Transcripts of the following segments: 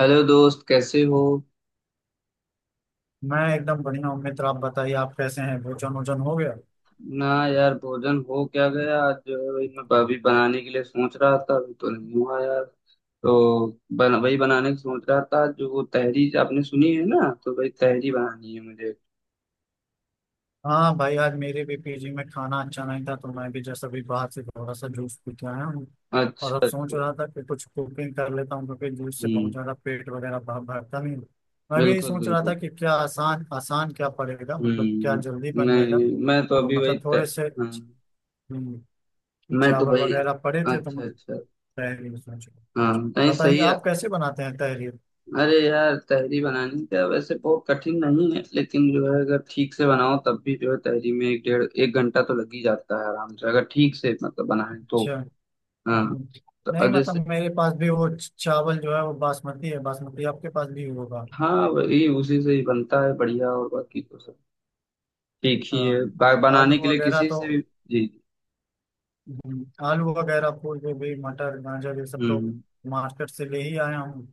Hello दोस्त कैसे हो। मैं एकदम बढ़िया हूँ मित्र। आप बताइए, आप कैसे हैं? भोजन वोजन हो गया? ना यार, भोजन हो क्या गया? आज जो है वही मैं अभी बनाने के लिए सोच रहा था, अभी तो नहीं हुआ यार। तो वही बनाने की सोच रहा था, जो वो तहरी आपने सुनी है ना, तो वही तहरी बनानी है मुझे। हाँ भाई, आज मेरे भी पीजी में खाना अच्छा नहीं था तो मैं भी जैसे अभी बाहर से थोड़ा सा जूस पी के आया हूँ। और अच्छा अब सोच अच्छा। रहा था कि कुछ कुकिंग कर लेता हूँ, क्योंकि जूस से बहुत हम्म। ज़्यादा पेट वगैरह भर भरता नहीं। मैं भी यही बिल्कुल सोच रहा था बिल्कुल। कि क्या आसान आसान क्या पड़ेगा, मतलब क्या हम्म। जल्दी बन जाएगा। नहीं, मैं तो तो अभी वही मतलब थोड़े से हाँ, हम्म, मैं तो चावल वही। वगैरह पड़े थे तो अच्छा मैं अच्छा। तहरीर सोच रहा। हाँ, नहीं बताइए सही है। आप कैसे बनाते हैं तहरीर? अरे यार, तहरी बनानी क्या वैसे बहुत कठिन नहीं है, लेकिन जो है अगर ठीक से बनाओ तब भी जो है तहरी में एक डेढ़ एक घंटा तो लग ही जाता है आराम से, अगर ठीक से मतलब बनाए तो। अच्छा। हाँ। हम्म। तो नहीं अब जैसे। मतलब मेरे पास भी वो चावल जो है वो बासमती है। बासमती आपके पास भी होगा। हाँ, वही उसी से ही बनता है बढ़िया, और बाकी तो सब ठीक ही है। हाँ, और आलू बनाने के लिए वगैरह किसी तो से भी। जी जी। आलू वगैरह फूलगोभी मटर गाजर ये सब तो हम्म। मार्केट से ले ही आया हूँ।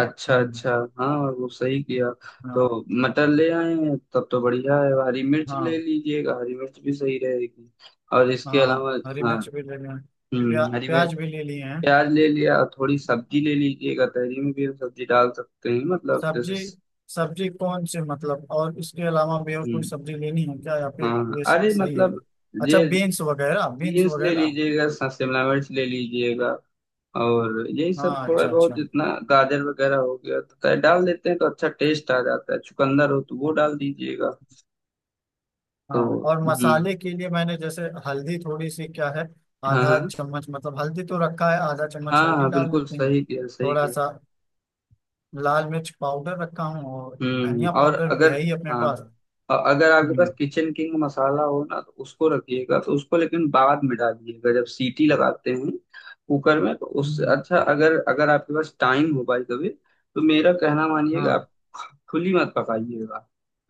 अच्छा हम्म, अच्छा। हाँ, और वो सही किया। तो हाँ मटर ले आए हैं तब तो बढ़िया है, हरी मिर्च ले हाँ। लीजिएगा, हरी मिर्च भी सही रहेगी। और इसके हाँ अलावा। हरी हाँ। मिर्च भी ले लिए हैं। हम्म, हरी मिर्च। प्याज भी ले लिए हैं। प्याज ले लिया, थोड़ी सब्जी ले लीजिएगा, तहरी में भी हम सब्जी डाल सकते हैं, मतलब जैसे। सब्जी। सब्जी कौन सी मतलब, और इसके अलावा भी और कोई हम्म। सब्जी लेनी है क्या, या फिर हाँ ये अरे सही है? मतलब अच्छा, ये। बीन्स वगैरह। बीन्स बीन्स ले वगैरह। लीजिएगा, शिमला मिर्च ले लीजिएगा। और यही सब हाँ, थोड़ा अच्छा बहुत अच्छा। जितना गाजर वगैरह हो गया तो क्या डाल देते हैं तो अच्छा टेस्ट आ जाता है, चुकंदर हो तो वो डाल दीजिएगा। तो। हाँ और हम्म। मसाले के लिए मैंने जैसे हल्दी थोड़ी सी क्या है, हाँ आधा हाँ, चम्मच। मतलब हल्दी तो रखा है, आधा चम्मच हाँ हल्दी हाँ डाल बिल्कुल, लेते हैं। सही किया सही थोड़ा किया। सा लाल मिर्च पाउडर रखा हूँ और हम्म। धनिया और पाउडर भी अगर। है ही अपने पास। हाँ, और अगर आपके पास हम्म किचन किंग मसाला हो ना, तो उसको रखिएगा, तो उसको लेकिन बाद में डालिएगा जब सीटी लगाते हैं कुकर में। तो उससे हम्म। अच्छा, अगर अगर आपके पास टाइम हो भाई कभी, तो मेरा कहना मानिएगा, हाँ। आप खुली मत पकाइएगा।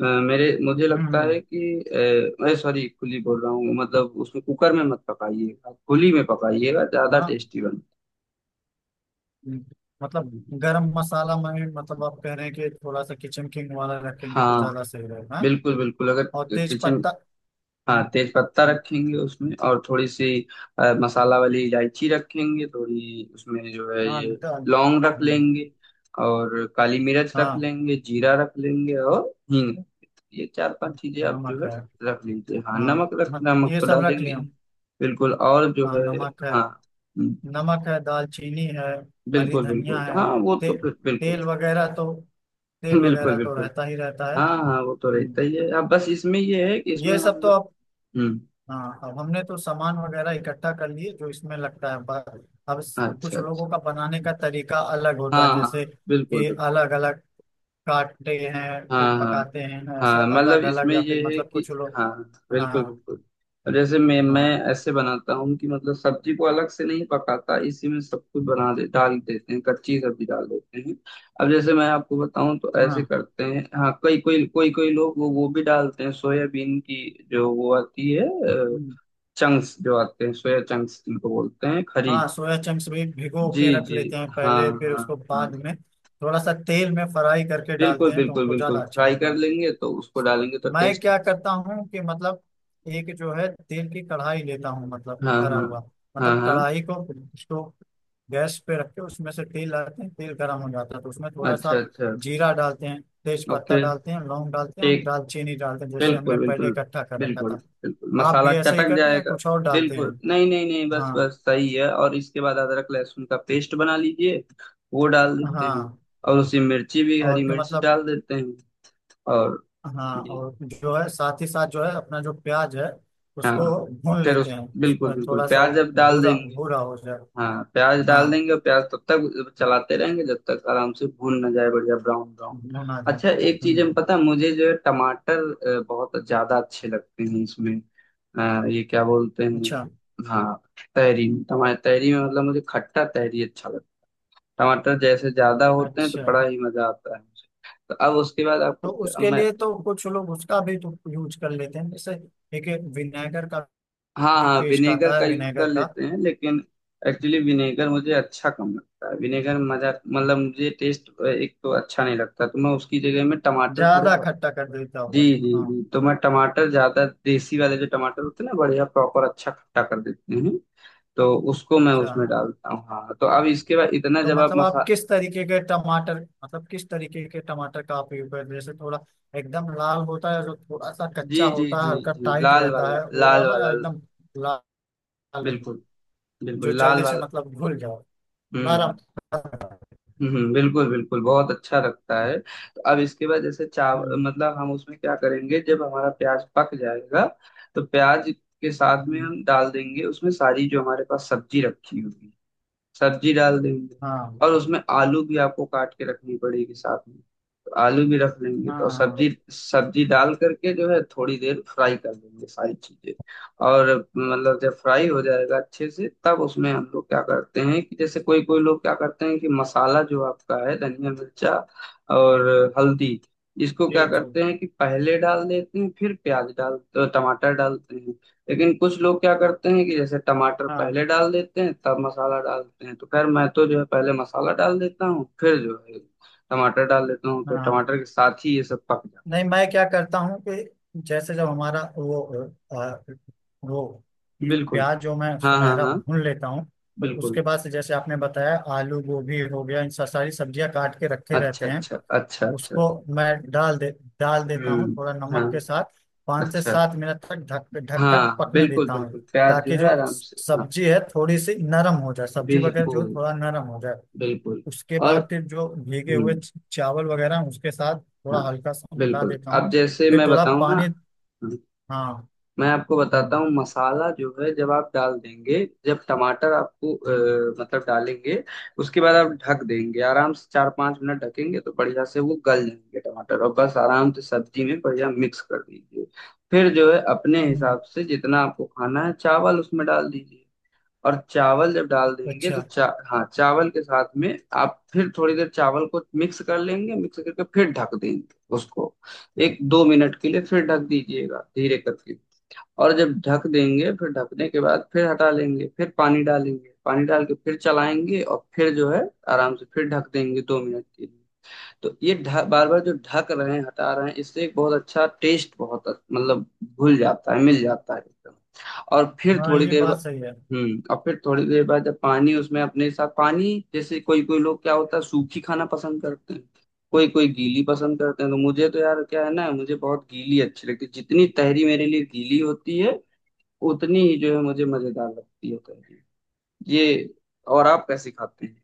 मेरे मुझे हम्म लगता है हम्म, कि मैं सॉरी खुली बोल रहा हूँ, मतलब उसमें कुकर में मत पकाइएगा, खुली में पकाइएगा, ज्यादा हाँ। टेस्टी बनता हम्म। मतलब है। गरम मसाला में, मतलब आप कह रहे हैं कि थोड़ा सा किचन किंग वाला रखेंगे तो ज्यादा हाँ। सही रहेगा, हाँ? बिल्कुल बिल्कुल। अगर और तेज किचन। पत्ता। हाँ, हम्म, तेज पत्ता हम्म, रखेंगे उसमें, और थोड़ी सी मसाला वाली इलायची रखेंगे थोड़ी उसमें, जो है हाँ ये लौंग रख हम्म, लेंगे, और काली मिर्च रख हाँ लेंगे, जीरा रख लेंगे, और हींग रख लेंगे। ये चार पांच चीजें आप जो नमक है है। रख लीजिए। हाँ, हाँ नमक ये तो सब रख डालेंगे लिया। ही। बिल्कुल, और जो हाँ है। नमक है। हाँ। हम्म, नमक है, दालचीनी है। हरी बिल्कुल धनिया बिल्कुल। है। हाँ और वो तो फिर बिल्कुल। तेल वगैरह तो तेल बिल्कुल वगैरह तो बिल्कुल। रहता ही रहता है। हाँ हाँ, वो तो हम्म, रहता ही है, अब बस इसमें ये है कि इसमें ये सब हम तो लोग। अब हम्म। हाँ, अब हमने तो सामान वगैरह इकट्ठा कर लिए जो इसमें लगता है अब अच्छा कुछ अच्छा। लोगों का बनाने का तरीका अलग होता हाँ है, हाँ। जैसे बिल्कुल कि बिल्कुल। अलग अलग काटते हैं फिर हाँ हाँ पकाते हैं, ऐसे हाँ, मतलब अलग अलग, इसमें या ये फिर है मतलब कि। कुछ लोग हाँ। बिल्कुल हाँ बिल्कुल। अब जैसे मैं हाँ ऐसे बनाता हूँ, कि मतलब सब्जी को अलग से नहीं पकाता, इसी में सब कुछ बना दे डाल देते हैं, कच्ची सब्जी डाल देते हैं। अब जैसे मैं आपको बताऊँ तो ऐसे हाँ। करते हैं। हाँ, कई कोई कोई कोई लोग वो भी डालते हैं, सोयाबीन की जो वो आती है, चंक्स जो आते हैं, सोया चंक्स जिनको बोलते हैं, खरी। हाँ सोया चंक्स भी भिगो के जी रख जी। लेते हैं हाँ पहले, फिर हाँ उसको बाद हाँ, में थोड़ा सा तेल में फ्राई करके डालते बिल्कुल हैं तो बिल्कुल उनको बिल्कुल। ज्यादा अच्छा फ्राई लगता कर है। लेंगे तो उसको डालेंगे तो मैं टेस्ट। क्या करता हूँ कि मतलब एक जो है तेल की कढ़ाई लेता हूँ, मतलब हाँ भरा हाँ हुआ, हाँ मतलब हाँ। कढ़ाई को स्टोव गैस पे रख के उसमें से तेल डालते हैं, तेल गर्म हो जाता है तो उसमें थोड़ा सा अच्छा अच्छा। जीरा डालते हैं, तेज पत्ता ओके। डालते हैं, लौंग डालते हैं और ठीक। दालचीनी डालते हैं, जैसे हमने बिल्कुल पहले बिल्कुल, इकट्ठा कर रखा बिल्कुल था। बिल्कुल आप मसाला भी ऐसा ही चटक करते हैं, या जाएगा। कुछ और डालते हैं? बिल्कुल। नहीं नहीं नहीं, बस हाँ बस सही है, और इसके बाद अदरक लहसुन का पेस्ट बना लीजिए, वो डाल देते हैं, हाँ। और उसी मिर्ची भी हरी और फिर मिर्च मतलब, डाल देते हैं, और हाँ ये। और जो है साथ ही साथ जो है अपना जो प्याज है उसको हाँ, भून फिर लेते उस बिल्कुल हैं बिल्कुल थोड़ा सा, प्याज वो अब डाल भूरा देंगे। भूरा हो जाए, हाँ, प्याज डाल हाँ देंगे, और प्याज तब तक चलाते रहेंगे जब तक आराम से भून ना जाए, बढ़िया ब्राउन ब्राउन। भुना जाए। अच्छा एक चीज, हम हम्म। पता है मुझे जो है, टमाटर बहुत ज्यादा अच्छे लगते हैं इसमें। ये क्या बोलते अच्छा हैं, हाँ, तहरी में टमाटर, तहरी में मतलब मुझे खट्टा तहरी अच्छा लगता है। टमाटर जैसे ज्यादा होते हैं तो अच्छा। बड़ा ही मजा आता है मुझे। तो अब उसके बाद तो आपको। उसके मैं। लिए तो कुछ लोग उसका भी तो यूज कर लेते हैं, जैसे एक विनेगर का हाँ भी हाँ, पेस्ट विनेगर आता है का यूज कर विनेगर का, लेते हैं, लेकिन एक्चुअली विनेगर मुझे अच्छा कम लगता है, विनेगर मजा मतलब मुझे टेस्ट एक तो अच्छा नहीं लगता, तो मैं उसकी जगह में टमाटर थोड़े ज्यादा खट्टा कर देता जी होगा। जी हाँ जी, तो मैं टमाटर ज्यादा देसी वाले, जो टमाटर होते हैं ना, बढ़िया प्रॉपर अच्छा खट्टा कर देते हैं, तो उसको मैं अच्छा। उसमें डालता हूँ। हाँ, तो अब इसके बाद इतना तो जब आप मतलब मसा। आप किस तरीके के टमाटर, मतलब किस तरीके के टमाटर का आप यूज करते हैं, जैसे थोड़ा एकदम लाल होता है जो, थोड़ा सा जी कच्चा जी होता है, जी हल्का जी, टाइट लाल रहता वाला, है वो लाल वाला, वाला, या एकदम लाल रहे? बिल्कुल जो बिल्कुल, लाल जल्दी से वाला। मतलब घुल जाओ, नरम। हम्म हम्म, बिल्कुल बिल्कुल, बहुत अच्छा लगता है। तो अब इसके बाद जैसे चाव हम्म मतलब हम उसमें क्या करेंगे जब हमारा प्याज पक जाएगा, तो प्याज के साथ में हम्म, हम डाल देंगे उसमें, सारी जो हमारे पास सब्जी रखी होगी, सब्जी डाल देंगे, हाँ और उसमें आलू भी आपको काट के रखनी पड़ेगी साथ में, आलू भी रख लेंगे, हाँ तो हाँ सब्जी सब्जी डाल करके जो है थोड़ी देर फ्राई कर लेंगे सारी चीजें। और मतलब जब फ्राई हो जाएगा अच्छे से, तब उसमें हम लोग क्या करते हैं कि जैसे कोई कोई लोग क्या करते हैं कि मसाला जो आपका है, धनिया मिर्चा और हल्दी, इसको क्या जी जी करते हैं कि पहले डाल देते हैं, फिर प्याज डाल तो टमाटर डालते हैं, लेकिन कुछ लोग क्या करते हैं कि जैसे टमाटर हाँ पहले डाल देते हैं, तब मसाला डालते हैं। तो खैर मैं तो जो है पहले मसाला डाल देता हूँ, फिर जो है टमाटर डाल देता हूँ, तो हाँ। टमाटर के साथ ही ये सब पक जाता। नहीं मैं क्या करता हूँ कि जैसे जब हमारा वो अ, वो बिल्कुल। प्याज जो मैं हाँ हाँ सुनहरा हाँ भून लेता हूँ, तो बिल्कुल। उसके बाद से जैसे आपने बताया आलू गोभी हो गया इन सारी सब्जियां काट के रखे अच्छा रहते हैं अच्छा अच्छा अच्छा। उसको मैं डाल देता हूँ हम्म। थोड़ा हाँ। नमक के साथ। पाँच से अच्छा। सात मिनट तक ढक ढक कर हाँ हाँ, पकने बिल्कुल देता हूँ, बिल्कुल, प्याज जो ताकि है जो आराम से। हाँ। सब्जी है थोड़ी सी नरम हो जाए, सब्जी वगैरह जो है, बिल्कुल थोड़ा नरम हो जाए। बिल्कुल। उसके और बाद फिर जो भीगे हम्म। हुए चावल वगैरह हैं, उसके साथ थोड़ा हाँ, हल्का सा मिला बिल्कुल। देता हूँ, अब जैसे फिर मैं थोड़ा बताऊँ ना, पानी। हाँ। मैं आपको हम्म बताता हूँ, मसाला जो है जब आप डाल देंगे, जब टमाटर आपको हम्म, मतलब डालेंगे, उसके बाद आप ढक देंगे आराम से 4-5 मिनट, ढकेंगे तो बढ़िया से वो गल जाएंगे टमाटर, और बस आराम से सब्जी में बढ़िया मिक्स कर दीजिए। फिर जो है अपने हम्म, हिसाब से जितना आपको खाना है चावल उसमें डाल दीजिए, और चावल जब डाल देंगे तो अच्छा। चा हाँ, चावल के साथ में आप फिर थोड़ी देर चावल को मिक्स कर लेंगे, मिक्स करके फिर ढक देंगे उसको 1-2 मिनट के लिए, फिर ढक दीजिएगा धीरे करके। और जब ढक देंगे फिर ढकने के बाद फिर हटा लेंगे, फिर पानी डालेंगे, पानी डाल के फिर चलाएंगे, और फिर जो है आराम से फिर ढक देंगे दो मिनट के लिए। तो ये बार बार जो ढक रहे हैं हटा रहे हैं, इससे एक बहुत अच्छा टेस्ट, बहुत मतलब घुल जाता है, मिल जाता है एकदम, और फिर हाँ थोड़ी ये देर बाद। बात सही है। हम्म, और फिर थोड़ी देर बाद जब पानी उसमें अपने साथ पानी, जैसे कोई कोई लोग क्या होता है सूखी खाना पसंद करते हैं, कोई कोई गीली पसंद करते हैं, तो मुझे तो यार क्या है ना, मुझे बहुत गीली अच्छी लगती है, जितनी तहरी मेरे लिए गीली होती है उतनी ही जो है मुझे मजेदार लगती है तहरी। ये, और आप कैसे खाते हैं?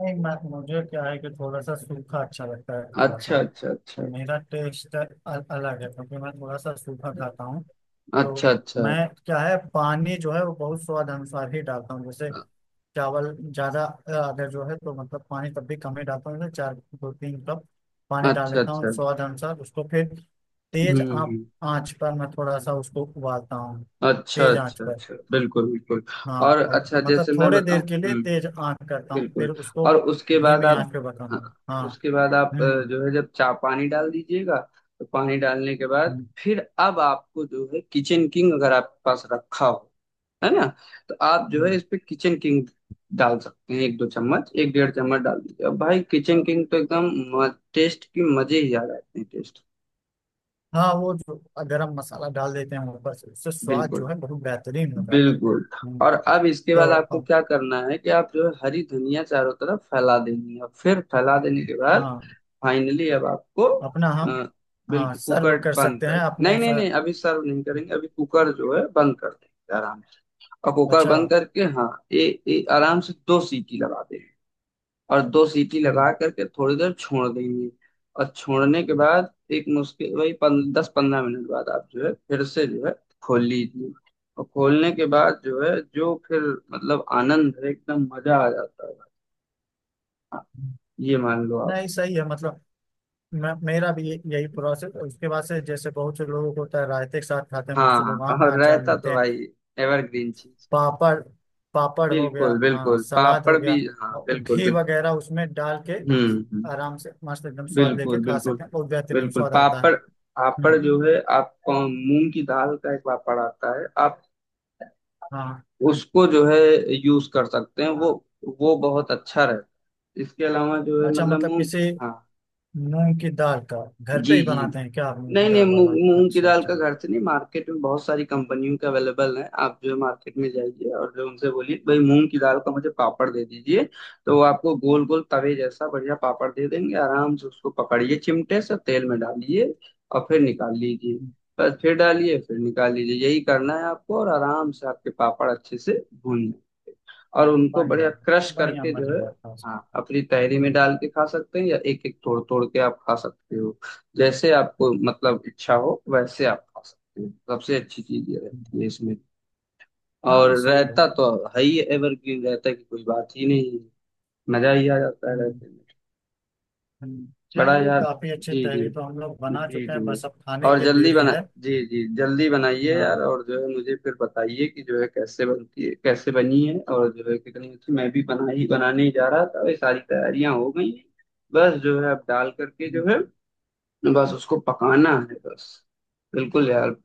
नहीं मैं, मुझे क्या है कि थोड़ा सा सूखा अच्छा लगता है, थोड़ा सा। अच्छा अच्छा और अच्छा मेरा टेस्ट अलग है, क्योंकि मैं थोड़ा सा सूखा खाता हूँ। तो अच्छा अच्छा मैं क्या है पानी जो है वो बहुत स्वाद अनुसार ही डालता हूँ, जैसे चावल ज्यादा अगर जो है तो मतलब पानी तब भी कम ही डालता हूँ, जैसे चार दो तीन कप पानी डाल अच्छा लेता हूँ अच्छा। स्वाद अनुसार, उसको फिर हम्म तेज आँच हम्म, आँच पर मैं थोड़ा सा उसको उबालता हूँ, अच्छा तेज आँच अच्छा पर। अच्छा, बिल्कुल बिल्कुल। हाँ, और और अच्छा मतलब जैसे मैं थोड़े बताऊं। देर के लिए तेज हम्म। आँच करता हूँ, बिल्कुल। फिर उसको और उसके बाद धीमी आप। आँच पे पकाऊंगा, हाँ, हाँ। उसके बाद आप हम्म जो है जब चा पानी डाल दीजिएगा, तो पानी डालने के बाद हम्म फिर अब आपको जो है किचन किंग अगर आपके पास रखा हो, है ना? तो आप जो है हम्म। इस पे किचन किंग डाल सकते हैं, एक दो चम्मच, एक डेढ़ चम्मच डाल दीजिए, अब भाई किचन किंग तो एकदम टेस्ट की मजे ही आ जाते हैं टेस्ट। हाँ वो जो गरम मसाला डाल देते हैं ऊपर से, उससे स्वाद जो बिल्कुल है बहुत बेहतरीन हो जाता बिल्कुल। है, और अब इसके तो बाद आपको अब क्या करना है कि आप जो है हरी धनिया चारों तरफ फैला देंगे, और फिर फैला देने के बाद हाँ फाइनली अब आपको अपना हम, अ, हाँ बिल्कुल कुकर सर्व कर बंद सकते हैं कर, नहीं अपने नहीं नहीं, अभी सर्व नहीं करेंगे, अभी कुकर जो है बंद कर देंगे आराम से, और कुकर अच्छा। बंद करके हाँ, ये आराम से दो सीटी लगा दें। और दो सीटी हम्म, लगा करके थोड़ी देर छोड़ देंगे, और छोड़ने के बाद एक मुश्किल वही 10-15 मिनट बाद आप जो है फिर से जो है खोल लीजिए, और खोलने के बाद जो है जो फिर मतलब आनंद है, एकदम मजा आ जाता है। हाँ, ये मान लो आप। नहीं सही है। मतलब मेरा भी यही प्रोसेस। उसके बाद से जैसे बहुत से लोगों को होता है रायते के साथ खाते हैं, हाँ बहुत से लोग हाँ, आम का और अचार रायता लेते तो हैं, भाई एवरग्रीन चीज। पापड़। पापड़ हो गया, बिल्कुल हाँ बिल्कुल, सलाद पापड़ हो भी गया, हाँ, और बिल्कुल घी बिल्कुल। वगैरह उसमें डाल के हम्म हम्म, आराम से मस्त एकदम स्वाद बिल्कुल लेके खा बिल्कुल सकते हैं, बहुत बेहतरीन बिल्कुल। स्वाद आता है। पापड़, पापड़ हम्म। जो है आप मूंग की दाल का एक पापड़ आता है, आप हाँ उसको जो है यूज कर सकते हैं, वो बहुत अच्छा रहता है, इसके अलावा जो है अच्छा। मतलब मतलब मूंग। किसी हाँ। मूंग की दाल का घर पे जी ही जी, बनाते हैं क्या आप, मूंग की नहीं नहीं, दाल मूंग वाला? मूंग की अच्छा दाल अच्छा। का घर से नहीं, मार्केट में बहुत सारी कंपनियों के अवेलेबल है, आप जो है मार्केट में जाइए और जो उनसे बोलिए भाई मूंग की दाल का मुझे पापड़ दे दीजिए, तो वो आपको गोल गोल तवे जैसा बढ़िया पापड़ दे देंगे, आराम से उसको पकड़िए चिमटे से तेल में डालिए, और फिर निकाल लीजिए। हम्म, बस फिर डालिए फिर निकाल लीजिए, यही करना है आपको, और आराम से आपके पापड़ अच्छे से भून, और उनको पानी बढ़िया डाल क्रश के। बढ़िया करके जो है मजेदार था हाँ उसमें। अपनी तहरी में हम्म डाल के खा सकते हैं, या एक एक तोड़ तोड़ के आप खा सकते हो, जैसे आपको मतलब इच्छा हो वैसे आप खा सकते हो। सबसे अच्छी चीज ये हम्म, रहती है इसमें, और हाँ सही है। रायता तो है ही, एवरग्रीन रायता की कोई बात ही नहीं है, मजा ही आ जाता है हम्म, रायते में। हम्म। बड़ा चलिए, यार। काफी अच्छी जी जी तहरी तो हम लोग बना जी चुके हैं, जी, बस अब खाने और की जल्दी देरी बना। है। जी जी, जल्दी बनाइए यार, हाँ। और जो है मुझे फिर बताइए कि जो है कैसे बनती है, कैसे बनी है और जो है कितनी अच्छी। मैं भी बना ही बनाने ही जा रहा था, ये सारी तैयारियां हो गई हैं, बस जो है अब डाल करके जो हम्म, है बस उसको पकाना है बस। बिल्कुल यार।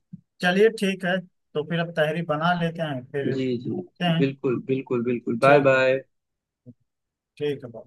चलिए ठीक है। तो फिर अब तहरी बना लेते हैं, फिर जी जी, मिलते हैं। बिल्कुल बिल्कुल बिल्कुल, बाय ठीक है। बाय। ठीक है।